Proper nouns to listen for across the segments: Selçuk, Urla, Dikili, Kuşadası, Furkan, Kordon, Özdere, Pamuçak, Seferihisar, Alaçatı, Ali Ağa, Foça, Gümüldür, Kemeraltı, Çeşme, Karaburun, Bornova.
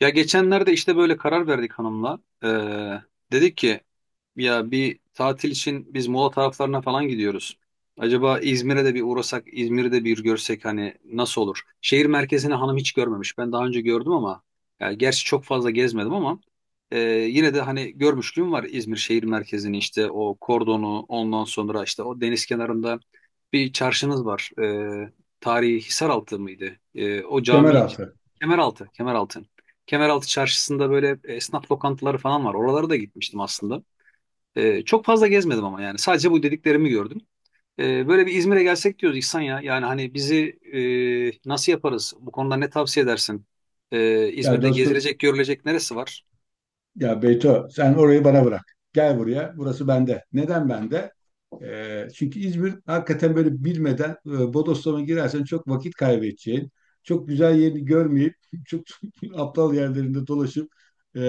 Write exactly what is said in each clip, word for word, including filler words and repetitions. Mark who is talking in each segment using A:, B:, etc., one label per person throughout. A: Ya geçenlerde işte böyle karar verdik hanımla. Ee, dedik ki ya bir tatil için biz Muğla taraflarına falan gidiyoruz. Acaba İzmir'e de bir uğrasak, İzmir'i de bir görsek hani nasıl olur? Şehir merkezini hanım hiç görmemiş. Ben daha önce gördüm ama yani gerçi çok fazla gezmedim ama e, yine de hani görmüşlüğüm var İzmir şehir merkezini işte o kordonu ondan sonra işte o deniz kenarında bir çarşınız var. Ee, tarihi Hisaraltı mıydı? Ee, o cami
B: Kemeraltı.
A: Kemeraltı, Kemeraltı. Kemeraltı Çarşısı'nda böyle e, esnaf lokantaları falan var. Oralara da gitmiştim aslında. Ee, çok fazla gezmedim ama yani sadece bu dediklerimi gördüm. Ee, böyle bir İzmir'e gelsek diyoruz İhsan ya. Yani hani bizi e, nasıl yaparız? Bu konuda ne tavsiye edersin? Ee,
B: Ya
A: İzmir'de
B: dostum,
A: gezilecek, görülecek neresi var?
B: ya Beyto sen orayı bana bırak. Gel buraya, burası bende. Neden bende? Ee, çünkü İzmir hakikaten böyle bilmeden e, bodoslama girersen çok vakit kaybedeceğin, çok güzel yerini görmeyip, çok aptal yerlerinde dolaşıp e,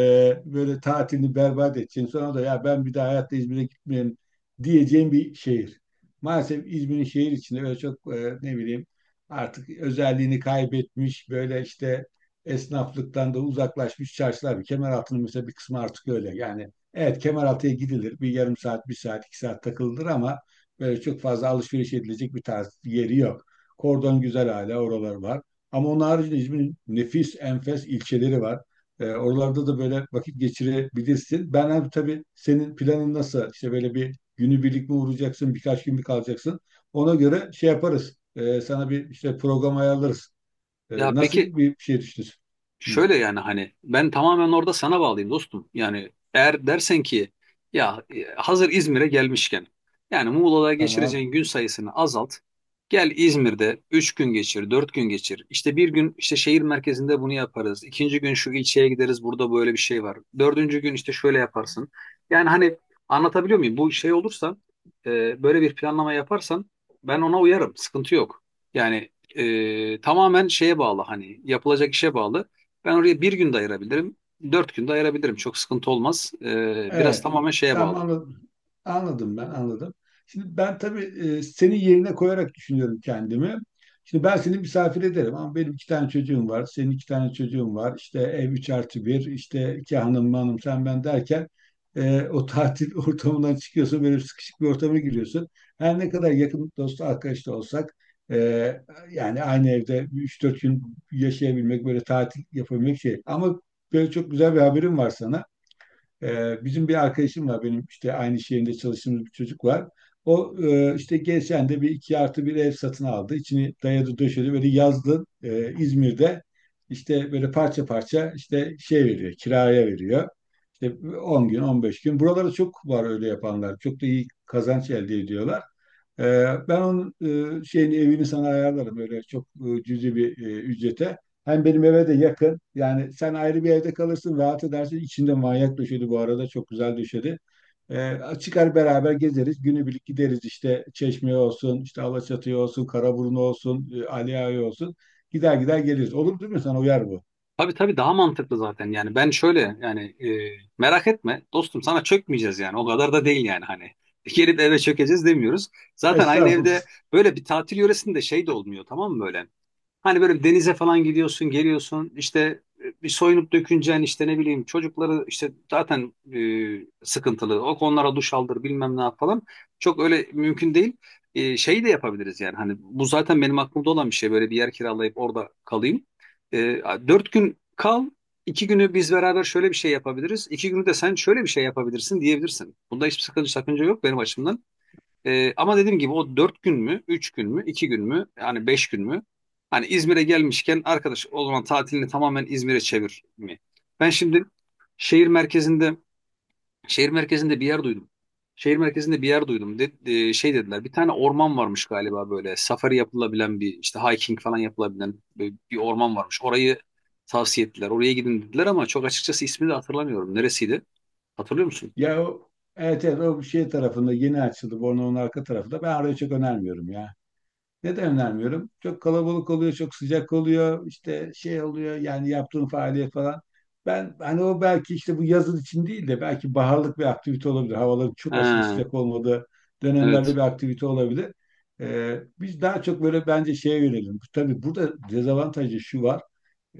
B: böyle tatilini berbat edeceğin, sonra da ya ben bir daha hayatta İzmir'e gitmeyeyim diyeceğin bir şehir. Maalesef İzmir'in şehir içinde öyle çok e, ne bileyim artık özelliğini kaybetmiş böyle işte esnaflıktan da uzaklaşmış çarşılar. Var. Kemeraltı'nın mesela bir kısmı artık öyle. Yani evet Kemeraltı'ya gidilir. Bir yarım saat, bir saat, iki saat takılır ama böyle çok fazla alışveriş edilecek bir tarz yeri yok. Kordon güzel, hala oralar var. Ama onun haricinde İzmir'in nefis, enfes ilçeleri var. E, oralarda da böyle vakit geçirebilirsin. Ben abi, tabii senin planın nasıl? İşte böyle bir günü birlik mi uğrayacaksın, birkaç gün mü kalacaksın? Ona göre şey yaparız. E, sana bir işte program ayarlarız. Ee,
A: Ya
B: nasıl
A: peki,
B: bir şey düşünüyorsun? Hı,
A: şöyle yani hani ben tamamen orada sana bağlıyım dostum. Yani eğer dersen ki ya e, hazır İzmir'e gelmişken yani Muğla'da
B: tamam.
A: geçireceğin gün sayısını azalt. Gel İzmir'de üç gün geçir, dört gün geçir. İşte bir gün işte şehir merkezinde bunu yaparız. İkinci gün şu ilçeye gideriz burada böyle bir şey var. Dördüncü gün işte şöyle yaparsın. Yani hani anlatabiliyor muyum? Bu şey olursa e, böyle bir planlama yaparsan ben ona uyarım. Sıkıntı yok. Yani e, tamamen şeye bağlı hani yapılacak işe bağlı. Ben oraya bir gün de ayırabilirim. Dört gün de ayırabilirim. Çok sıkıntı olmaz. Ee, biraz
B: Evet.
A: tamamen şeye
B: Tamam,
A: bağlı.
B: anladım. Anladım, ben anladım. Şimdi ben tabii e, senin yerine koyarak düşünüyorum kendimi. Şimdi ben seni misafir ederim ama benim iki tane çocuğum var. Senin iki tane çocuğun var. İşte ev üç artı bir. İşte iki hanım, hanım sen ben derken e, o tatil ortamından çıkıyorsun. Böyle sıkışık bir ortama giriyorsun. Her ne kadar yakın dost arkadaş da olsak e, yani aynı evde üç dört gün yaşayabilmek, böyle tatil yapabilmek şey. Ama böyle çok güzel bir haberim var sana. Ee, bizim bir arkadaşım var benim, işte aynı şehirde çalıştığımız bir çocuk var. O e, işte geçen de bir iki artı bir ev satın aldı. İçini dayadı döşedi böyle, yazdı e, İzmir'de işte böyle parça parça işte şey veriyor, kiraya veriyor. İşte on gün on beş gün. Buralarda çok var öyle yapanlar. Çok da iyi kazanç elde ediyorlar. Ee, ben onun e, şeyini, evini sana ayarlarım öyle çok e, cüzi bir e, ücrete. Hem benim eve de yakın. Yani sen ayrı bir evde kalırsın, rahat edersin. İçinde manyak döşedi bu arada. Çok güzel döşedi. Ee, çıkar beraber gezeriz. Günübirlik gideriz işte Çeşme'ye olsun, işte Alaçatı'ya olsun, Karaburun olsun, e, Ali Ağa'ya olsun. Gider gider geliriz. Olur değil mi? Sana uyar bu.
A: Tabii tabii daha mantıklı zaten. Yani ben şöyle yani e, merak etme dostum sana çökmeyeceğiz yani. O kadar da değil yani hani. Gelip eve çökeceğiz demiyoruz. Zaten aynı
B: Estağfurullah.
A: evde böyle bir tatil yöresinde şey de olmuyor tamam mı böyle? Hani böyle denize falan gidiyorsun, geliyorsun işte e, bir soyunup döküneceksin işte ne bileyim çocukları işte zaten e, sıkıntılı. O konulara duş aldır bilmem ne yap falan. Çok öyle mümkün değil. E, şey de yapabiliriz yani hani bu zaten benim aklımda olan bir şey böyle bir yer kiralayıp orada kalayım. E, dört gün kal, iki günü biz beraber şöyle bir şey yapabiliriz. İki günü de sen şöyle bir şey yapabilirsin diyebilirsin. Bunda hiçbir sakınca, sakınca yok benim açımdan. Ee, ama dediğim gibi o dört gün mü, üç gün mü, iki gün mü, yani beş gün mü? Hani İzmir'e gelmişken arkadaş o zaman tatilini tamamen İzmir'e çevir mi? Ben şimdi şehir merkezinde şehir merkezinde bir yer duydum. Şehir merkezinde bir yer duydum. De, e, şey dediler bir tane orman varmış galiba böyle safari yapılabilen bir işte hiking falan yapılabilen bir, bir orman varmış. Orayı tavsiye ettiler. Oraya gidin dediler ama çok açıkçası ismini de hatırlamıyorum. Neresiydi? Hatırlıyor musun?
B: Ya o, evet evet, o şey tarafında yeni açıldı. Bornova'nın arka tarafında. Ben oraya çok önermiyorum ya. Neden önermiyorum? Çok kalabalık oluyor, çok sıcak oluyor, işte şey oluyor yani yaptığın faaliyet falan. Ben hani o belki işte bu yazın için değil de belki baharlık bir aktivite olabilir. Havaların çok aşırı
A: Ha,
B: sıcak olmadığı dönemlerde
A: evet.
B: bir aktivite olabilir. Ee, biz daha çok böyle bence şeye yönelelim. Tabii burada dezavantajı şu var.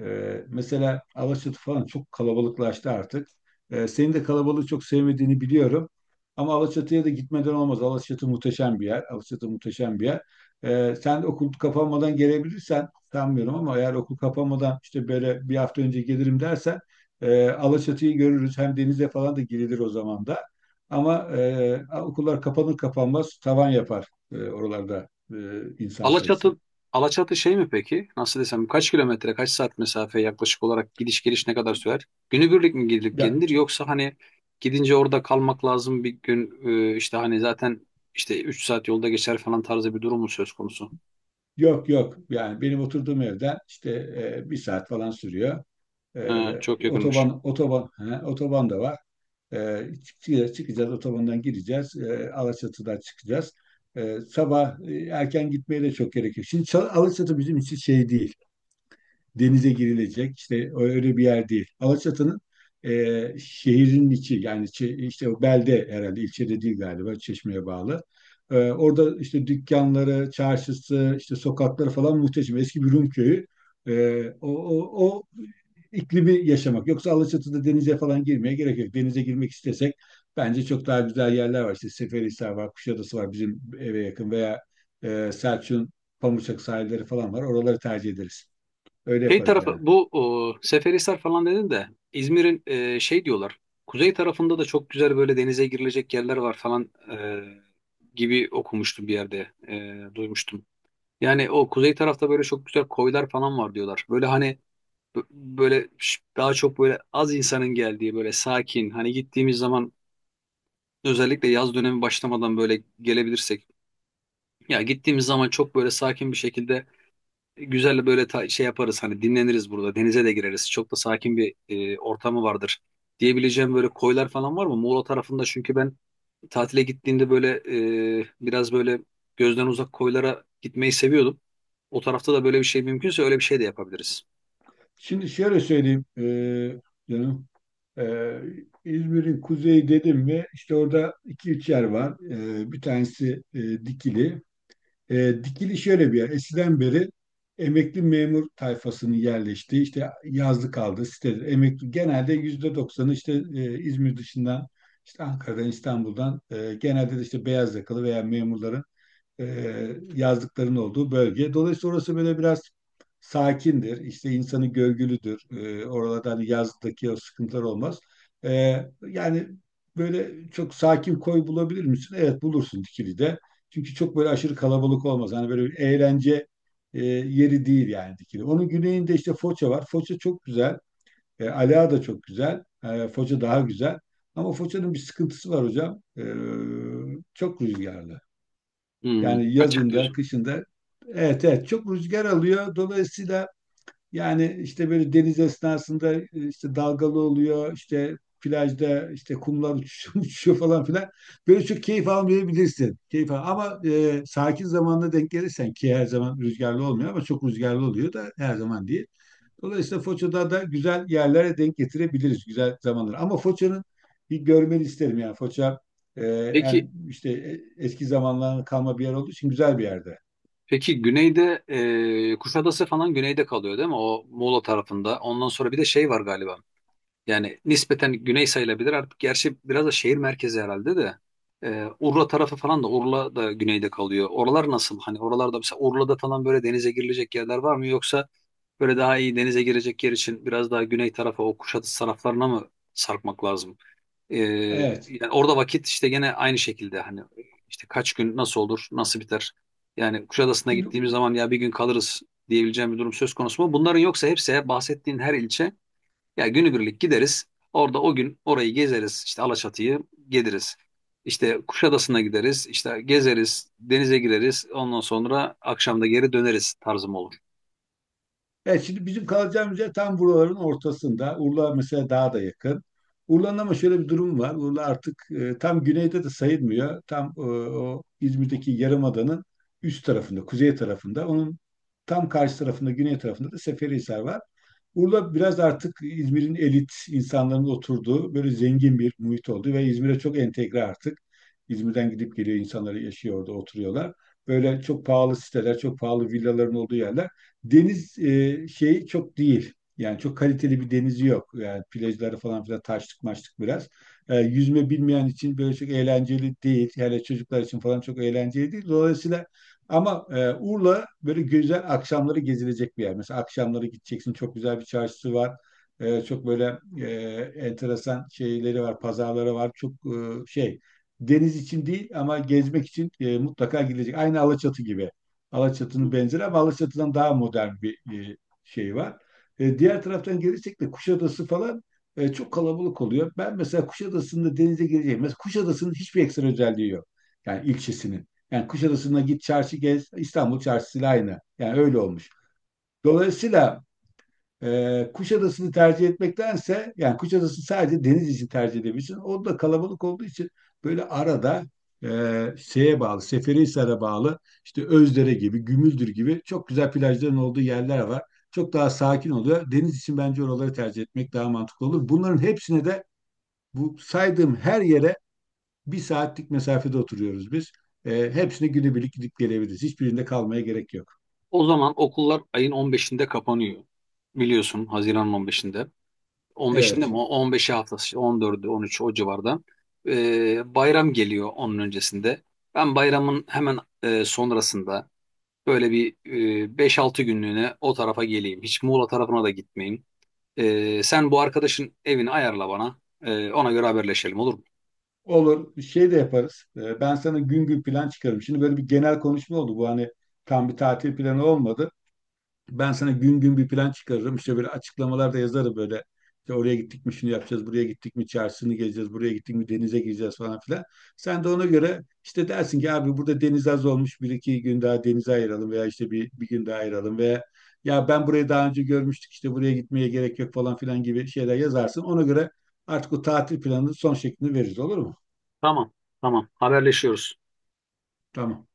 B: Ee, mesela Alaçatı falan çok kalabalıklaştı artık. Ee, senin de kalabalığı çok sevmediğini biliyorum. Ama Alaçatı'ya da gitmeden olmaz. Alaçatı muhteşem bir yer. Alaçatı muhteşem bir yer. Ee, sen okul kapanmadan gelebilirsen sanmıyorum ama eğer okul kapanmadan işte böyle bir hafta önce gelirim dersen e, Alaçatı'yı görürüz. Hem denize falan da girilir o zaman da. Ama e, okullar kapanır kapanmaz tavan yapar e, oralarda e, insan sayısı.
A: Alaçatı Alaçatı şey mi peki? Nasıl desem kaç kilometre, kaç saat mesafe yaklaşık olarak gidiş geliş ne kadar sürer? Günübirlik mi gidilip
B: Ya,
A: gelinir yoksa hani gidince orada kalmak lazım bir gün e, işte hani zaten işte üç saat yolda geçer falan tarzı bir durum mu söz konusu?
B: yok yok, yani benim oturduğum evden işte e, bir saat falan sürüyor. E,
A: Ha, çok yakınmış.
B: Otoban otoban, he, otoban da var. E, çıkacağız, çıkacağız otobandan, gireceğiz. E, Alaçatı'dan çıkacağız. E, sabah e, erken gitmeye de çok gerek yok. Şimdi Ça- Alaçatı bizim için şey değil, denize girilecek işte öyle bir yer değil. Alaçatı'nın e, şehrin içi, yani çe- işte o belde, herhalde ilçede değil galiba, Çeşme'ye bağlı. E, orada işte dükkanları, çarşısı, işte sokakları falan muhteşem. Eski bir Rum köyü. E, o, o, o iklimi yaşamak. Yoksa Alaçatı'da denize falan girmeye gerek yok. Denize girmek istesek bence çok daha güzel yerler var. İşte Seferihisar var, Kuşadası var bizim eve yakın, veya e, Selçuk'un Pamuçak sahilleri falan var. Oraları tercih ederiz. Öyle
A: Şey
B: yaparız
A: tarafı
B: yani.
A: bu o, Seferihisar falan dedin de İzmir'in e, şey diyorlar. Kuzey tarafında da çok güzel böyle denize girilecek yerler var falan e, gibi okumuştum bir yerde e, duymuştum. Yani o kuzey tarafta böyle çok güzel koylar falan var diyorlar. Böyle hani b- böyle ş- daha çok böyle az insanın geldiği böyle sakin. Hani gittiğimiz zaman özellikle yaz dönemi başlamadan böyle gelebilirsek. Ya gittiğimiz zaman çok böyle sakin bir şekilde güzel böyle ta- şey yaparız. Hani dinleniriz burada. Denize de gireriz. Çok da sakin bir e, ortamı vardır. Diyebileceğim böyle koylar falan var mı? Muğla tarafında çünkü ben tatile gittiğimde böyle e, biraz böyle gözden uzak koylara gitmeyi seviyordum. O tarafta da böyle bir şey mümkünse öyle bir şey de yapabiliriz.
B: Şimdi şöyle söyleyeyim e, canım. E, İzmir'in kuzeyi dedim mi işte orada iki üç yer var. E, bir tanesi e, Dikili. E, Dikili şöyle bir yer. Eskiden beri emekli memur tayfasının yerleştiği, işte yazlık kaldı sitedir. Emekli genelde yüzde doksanı işte e, İzmir dışından, işte Ankara'dan, İstanbul'dan, e, genelde de işte beyaz yakalı veya memurların e, yazlıkların olduğu bölge. Dolayısıyla orası böyle biraz sakindir. İşte insanı gölgülüdür. E, oralarda hani yazlıktaki o sıkıntılar olmaz. E, Yani böyle çok sakin koy bulabilir misin? Evet, bulursun Dikili'de. Çünkü çok böyle aşırı kalabalık olmaz. Hani böyle bir eğlence e, yeri değil yani Dikili. Onun güneyinde işte Foça var. Foça çok güzel. E, Ala da çok güzel. E, Foça daha güzel. Ama Foça'nın bir sıkıntısı var hocam. E, çok rüzgarlı.
A: Hmm,
B: Yani
A: açık
B: yazında,
A: diyorsun.
B: kışında. Evet, evet. Çok rüzgar alıyor. Dolayısıyla, yani işte böyle deniz esnasında e, işte dalgalı oluyor. İşte plajda işte kumlar uçuşuyor, uçuşuyor falan filan. Böyle çok keyif almayabilirsin. Keyif al. Ama e, sakin zamanla denk gelirsen ki her zaman rüzgarlı olmuyor ama çok rüzgarlı oluyor da her zaman değil. Dolayısıyla Foça'da da güzel yerlere denk getirebiliriz, güzel zamanları. Ama Foça'nın bir görmeni isterim. Yani Foça e,
A: Peki
B: hem işte e- eski zamanların kalma bir yer olduğu için güzel bir yerde.
A: peki güneyde e, Kuşadası falan güneyde kalıyor değil mi? O Muğla tarafında. Ondan sonra bir de şey var galiba. Yani nispeten güney sayılabilir artık. Gerçi biraz da şehir merkezi herhalde de. E, Urla tarafı falan da Urla da güneyde kalıyor. Oralar nasıl? Hani oralarda mesela Urla'da falan böyle denize girilecek yerler var mı? Yoksa böyle daha iyi denize girecek yer için biraz daha güney tarafa o Kuşadası taraflarına mı sarkmak lazım? Ee,
B: Evet.
A: yani orada vakit işte gene aynı şekilde hani işte kaç gün nasıl olur nasıl biter? Yani Kuşadası'na
B: Şimdi
A: gittiğimiz zaman ya bir gün kalırız diyebileceğim bir durum söz konusu mu? Bunların yoksa hepsi bahsettiğin her ilçe ya günübirlik gideriz. Orada o gün orayı gezeriz işte Alaçatı'yı geliriz. İşte Kuşadası'na gideriz işte gezeriz denize gireriz ondan sonra akşam da geri döneriz tarzım olur.
B: evet şimdi bizim kalacağımız yer tam buraların ortasında. Urla mesela daha da yakın. Urla'nın ama şöyle bir durum var. Urla artık e, tam güneyde de sayılmıyor. Tam e, o İzmir'deki Yarımada'nın üst tarafında, kuzey tarafında. Onun tam karşı tarafında, güney tarafında da Seferihisar var. Urla biraz artık İzmir'in elit insanların oturduğu böyle zengin bir muhit oldu ve İzmir'e çok entegre artık. İzmir'den gidip geliyor insanlar, yaşıyor orada oturuyorlar. Böyle çok pahalı siteler, çok pahalı villaların olduğu yerler. Deniz e, şey çok değil. Yani çok kaliteli bir denizi yok. Yani plajları falan filan taşlık maçlık biraz. E, yüzme bilmeyen için böyle çok eğlenceli değil. Hele çocuklar için falan çok eğlenceli değil. Dolayısıyla ama e, Urla böyle güzel akşamları gezilecek bir yer. Mesela akşamları gideceksin, çok güzel bir çarşısı var. E, çok böyle e, enteresan şeyleri var, pazarları var. Çok e, şey, deniz için değil ama gezmek için e, mutlaka gidilecek. Aynı Alaçatı gibi. Alaçatı'nın
A: Hmm.
B: benzeri ama Alaçatı'dan daha modern bir e, şey var. E, diğer taraftan gelirsek de Kuşadası falan e, çok kalabalık oluyor. Ben mesela Kuşadası'nda denize gireceğim. Mesela Kuşadası'nın hiçbir ekstra özelliği yok. Yani ilçesinin. Yani Kuşadası'na git, çarşı gez, İstanbul çarşısıyla aynı. Yani öyle olmuş. Dolayısıyla e, Kuşadası'nı tercih etmektense, yani Kuşadası sadece deniz için tercih edebilirsin. O da kalabalık olduğu için böyle arada e, şeye bağlı, Seferihisar'a bağlı, işte Özdere gibi, Gümüldür gibi çok güzel plajların olduğu yerler var. Çok daha sakin oluyor. Deniz için bence oraları tercih etmek daha mantıklı olur. Bunların hepsine de, bu saydığım her yere bir saatlik mesafede oturuyoruz biz. E, hepsini günübirlik gidip gelebiliriz. Hiçbirinde kalmaya gerek yok.
A: O zaman okullar ayın on beşinde kapanıyor. Biliyorsun Haziran'ın on beşinde. on beşinde
B: Evet.
A: mi? O on beşi haftası on dördü on üçü o civarda. Ee, bayram geliyor onun öncesinde. Ben bayramın hemen e, sonrasında böyle bir e, beş altı günlüğüne o tarafa geleyim. Hiç Muğla tarafına da gitmeyeyim. Ee, sen bu arkadaşın evini ayarla bana. Ee, ona göre haberleşelim olur mu?
B: Olur. Şey de yaparız. E, ben sana gün gün plan çıkarım. Şimdi böyle bir genel konuşma oldu. Bu hani tam bir tatil planı olmadı. Ben sana gün gün bir plan çıkarırım. İşte böyle açıklamalar da yazarım böyle. İşte oraya gittik mi şunu yapacağız, buraya gittik mi çarşısını gezeceğiz, buraya gittik mi denize gireceğiz falan filan. Sen de ona göre işte dersin ki abi burada deniz az olmuş, bir iki gün daha denize ayıralım, veya işte bir, bir gün daha ayıralım, veya ya ben burayı daha önce görmüştük işte buraya gitmeye gerek yok falan filan gibi şeyler yazarsın. Ona göre artık o tatil planının son şeklini veririz, olur mu?
A: Tamam. Tamam. Haberleşiyoruz.
B: Tamam.